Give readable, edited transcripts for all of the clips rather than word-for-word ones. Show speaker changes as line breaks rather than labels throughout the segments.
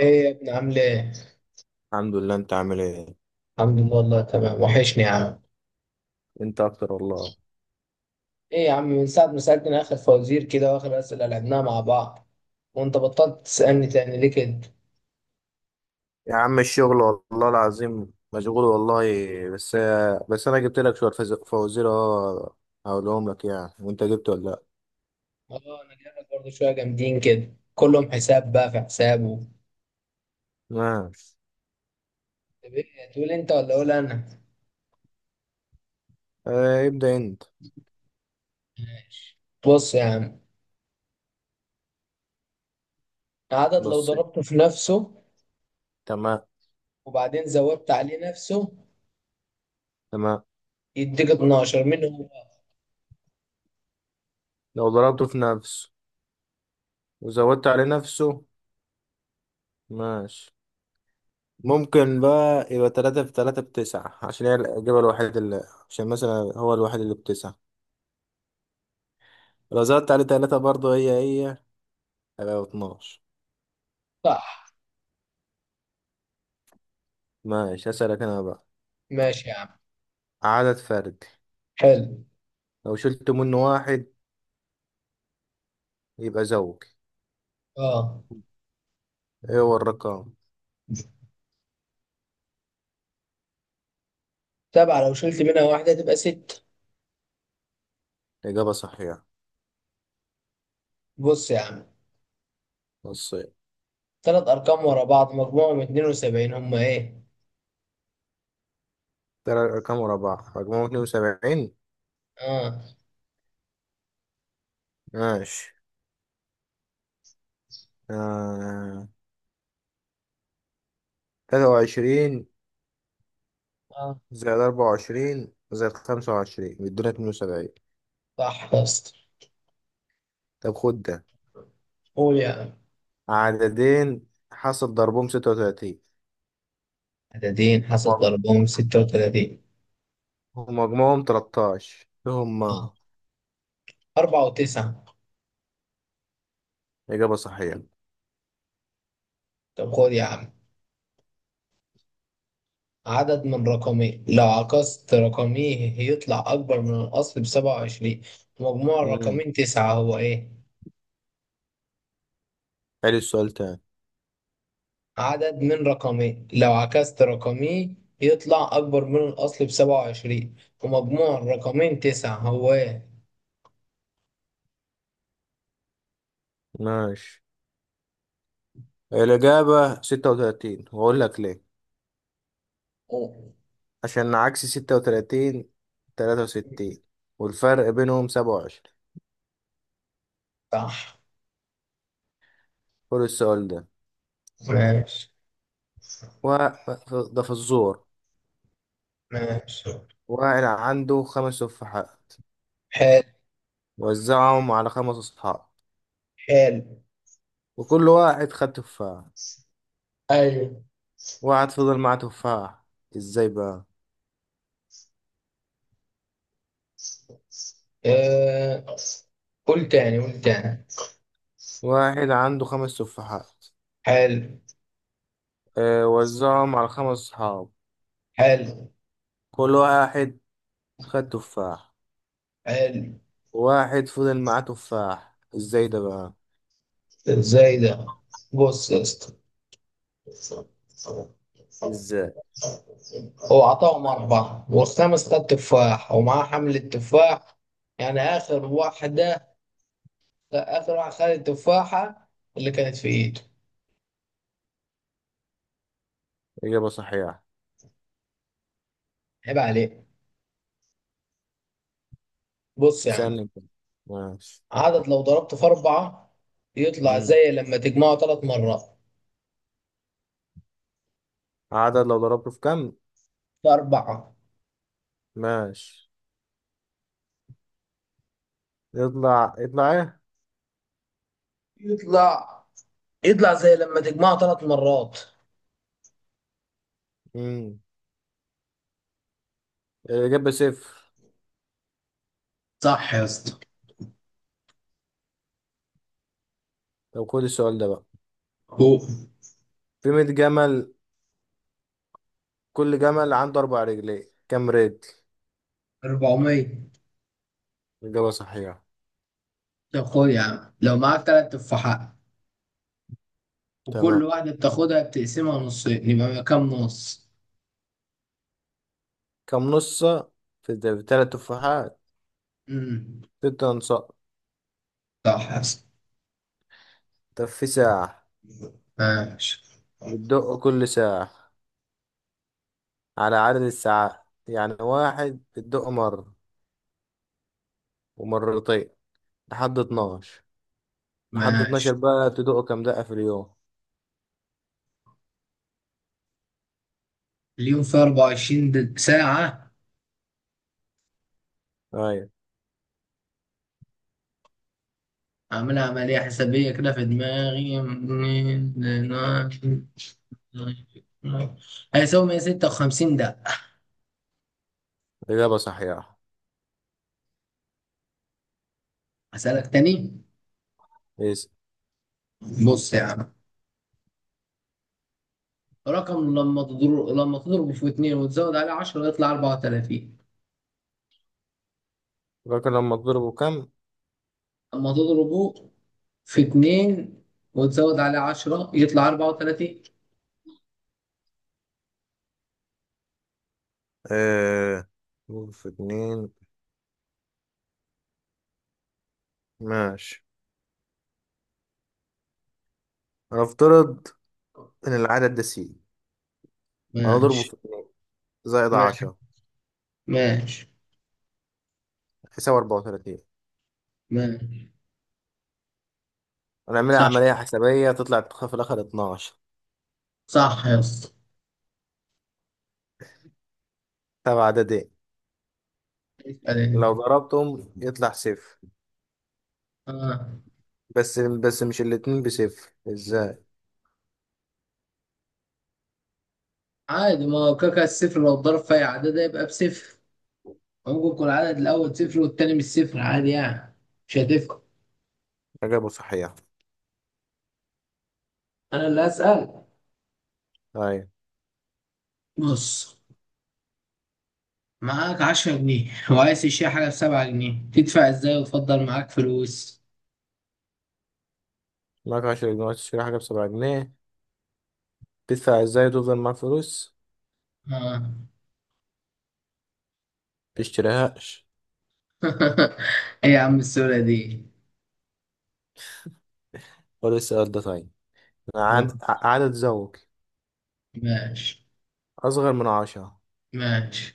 ايه يا ابني عامل ايه؟
الحمد لله، انت عامل ايه؟
الحمد لله والله تمام، وحشني يا عم.
انت اكتر والله.
ايه يا عم، من ساعة ما سألتني اخر فوازير كده واخر اسئلة لعبناها مع بعض وانت بطلت تسألني تاني ليه كده؟
يا عم الشغل والله العظيم مشغول والله. بس بس انا جبت لك شويه فوازير، هقولهم لك يعني، وانت جبت ولا لا؟
اه، انا جايلك برضه شوية جامدين كده، كلهم حساب بقى في حسابه.
ماشي.
طب ايه تقول انت ولا اقول انا؟
اه، ابدا انت.
ماشي. بص يا عم، عدد لو
بص.
ضربته في نفسه
تمام.
وبعدين زودت عليه نفسه
تمام،
يديك 12، مين هو؟
لو ضربته في نفسه وزودت عليه نفسه. ماشي. ممكن بقى يبقى تلاتة في تلاتة بتسعة، عشان هي الإجابة الوحيدة اللي... عشان مثلا هو الوحيد اللي بتسعة، لو زودت عليه تلاتة برضه هي هي هيبقى 12.
صح.
ماشي، هسألك أنا بقى.
ماشي يا عم.
عدد فردي
حلو.
لو شلت منه واحد يبقى زوج،
اه،
ايه هو الرقم؟
سبعة لو شلت منها واحدة تبقى ستة.
الإجابة صحيحة.
بص يا عم،
نصين.
ثلاث ارقام ورا بعض مجموعهم 72، هم ايه؟
تلات أرقام ورا بعض مجموعهم 72.
اه
ماشي. آه. 23
اه.
زائد 24 زائد 25 بيدونا 72.
صح يا اسطى.
طب خد ده،
قول يا عم.
عددين حاصل ضربهم 36
عددين حاسس ضربهم 36.
ومجموعهم 13، إيه
اه،
هما؟
أربعة وتسعة.
إجابة صحيحة.
طب خد يا عم، عدد من رقمين لو عكست رقميه يطلع أكبر من الأصل بـ27، مجموع
مم.
الرقمين تسعة، هو إيه؟
حلو، السؤال تاني.
عدد من رقمين لو عكست رقميه يطلع أكبر من الأصل بسبعة وعشرين ومجموع الرقمين تسعة، هو إيه؟
ماشي، الإجابة 36، وأقول لك ليه.
أوه.
عشان عكس 36 63، والفرق بينهم 27.
صح.
كل السؤال ده.
ماشي.
و ده في الزور.
ماشي.
واحد عنده خمس تفاحات،
حال.
وزعهم على خمس أصحاب،
حال.
وكل واحد خد تفاح،
ايوه.
واحد فضل معاه تفاح، ازاي بقى؟
آه. قول تاني قول تاني.
واحد عنده خمس تفاحات،
حال.
اه وزعهم على خمس أصحاب،
حال.
كل واحد خد تفاح،
حال.
واحد فضل معاه تفاح، ازاي ده بقى؟
ازاي ده. بص يا اسطى،
ازاي؟
هو عطاهم أربعة والخامس خد تفاح ومعاه حمل التفاح. يعني آخر واحدة، آخر واحد خد التفاحة اللي كانت في إيده.
إجابة صحيحة.
عيب عليك. بص يا عم،
اسألني انت. ماشي.
عدد لو ضربته في أربعة يطلع
مم.
زي لما تجمعه ثلاث مرات.
عدد لو ضربته في كم؟
في أربعة.
ماشي. يطلع ايه؟
يطلع يطلع زي لما تجمعه ثلاث مرات.
مم. الإجابة صفر.
صح يا اسطى.
طب خد السؤال ده بقى،
هو.
في 100 جمل، كل جمل عنده أربع رجلين، كم رجل؟
400.
الإجابة صحيحة.
طب خد يا عم، لو معاك تلات تفاحات وكل
تمام.
واحدة بتاخدها بتقسمها نصين، يبقى كام نص؟
كم نصة في تلات تفاحات؟
امم.
ست أنصاء.
صح يا اسطى.
طب في ساعة
ماشي.
بتدق كل ساعة على عدد الساعات، يعني واحد بتدق مرة، ومرتين، لحد 12 لحد 12
ماشي.
بقى تدق كم دقة في اليوم؟
اليوم فيه 24 ساعة.
أيوة.
عامل عملية حسابية كده في دماغي، هيساوي 156 دقة.
الإجابة صحيحة.
هسألك تاني.
إيه؟
بص يا عم، رقم لما تضربه في اتنين وتزود عليه 10 يطلع 34.
فاكر لما تضربه كام؟
لما تضربه في اتنين وتزود عليه عشرة يطلع أربعة وتلاتين.
آه، ضرب في اتنين. ماشي. هنفترض إن العدد ده سي، هنضربه
ماشي.
في اتنين زائد
ماشي.
عشرة
ماشي.
يساوي 34.
ماشي.
هنعملها
صح.
عملية حسابية تطلع في الآخر 12.
صح يا اسطى.
تبع، عددين
اسأل انت.
لو ضربتهم يطلع صفر.
آه.
بس مش الاتنين بصفر، ازاي؟
عادي، ما هو كاكا الصفر لو اتضرب في أي عدد هيبقى بصفر. ممكن يكون العدد الأول صفر والتاني مش صفر، عادي يعني. مش هتفرق.
إجابة صحيحة.
أنا اللي هسأل.
أيوة.
بص، معاك 10 جنيه وعايز تشتري حاجة بـ7 جنيه، تدفع ازاي وتفضل معاك فلوس؟
معاك 10 جنيه، عايز تشتري حاجة بـ7 جنيه، تدفع ازاي وتفضل معاك فلوس؟
آه.
متشتريهاش.
ايه يا عم السهولة دي.
خد السؤال ده طيب.
أوه.
عدد، عدد زوجي
ماشي.
أصغر من عشرة
ماشي.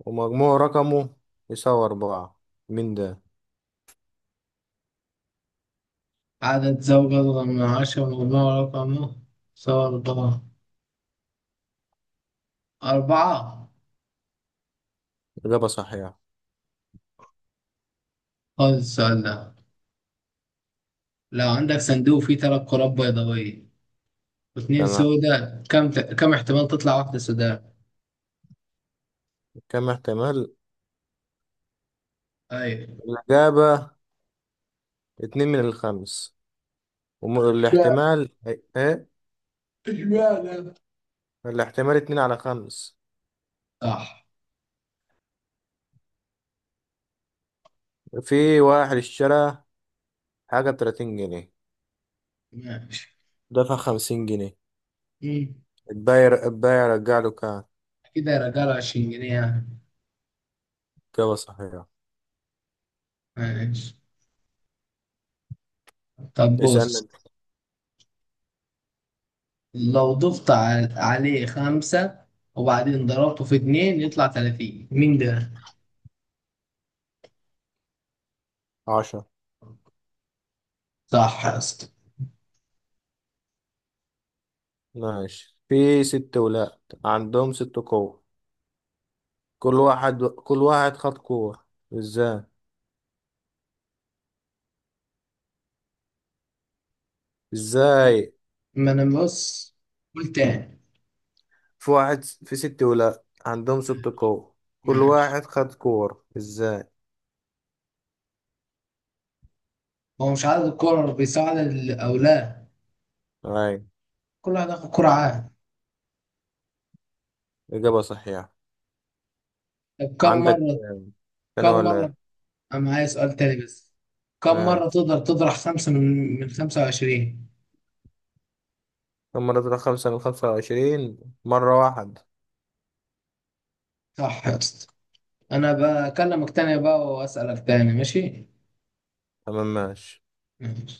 ومجموع رقمه يساوي أربعة، مين ده؟
عدد زوجة أصغر من 10، مجموع رقمه صور أربعة. أربعة.
إجابة صحيحة.
خد السؤال ده. لو عندك صندوق فيه تلات كرات بيضاوية واتنين
تمام.
سودا، كم احتمال تطلع واحدة سوداء؟
كم احتمال؟
أيوة.
الإجابة اتنين من الخمس.
اشمعنى.
والاحتمال إيه؟
اشمعنى.
الاحتمال اتنين على خمس.
صح.
في واحد اشترى حاجة بـ30 جنيه،
ماشي.
دفع 50 جنيه،
مم.
البايع رجع له كام؟
كده يا رجالة، 20 جنيه يعني.
إجابة صحيحة.
ماشي. طب
اسأل
بص،
من.
لو ضفت عليه خمسة وبعدين ضربته في اتنين يطلع 30، مين ده؟
عشرة.
صح يا اسطى.
ماشي، في ست ولاد عندهم ست قوة، كل واحد خد قوة، ازاي؟ ازاي؟
ما انا بص. قول تاني.
في واحد، في ست ولاد عندهم ست قوة، كل
ماشي.
واحد خد كور، ازاي؟
هو مش عدد الكرة بيساعد او لا.
اي.
كل واحد ياخد كرة عادي.
إجابة صحيحة.
طب كم
عندك.
مرة.
أنا
كم
ولا
مرة.
إيه؟
انا معايا سؤال تاني بس. كم مرة
ماشي.
تقدر تطرح خمسة من 25.
كم مرة طلع خمسة من خمسة وعشرين؟ مرة واحد.
صح يا اسطى. انا بكلمك تاني بقى واسألك تاني، ماشي.
تمام ماشي.
ماشي.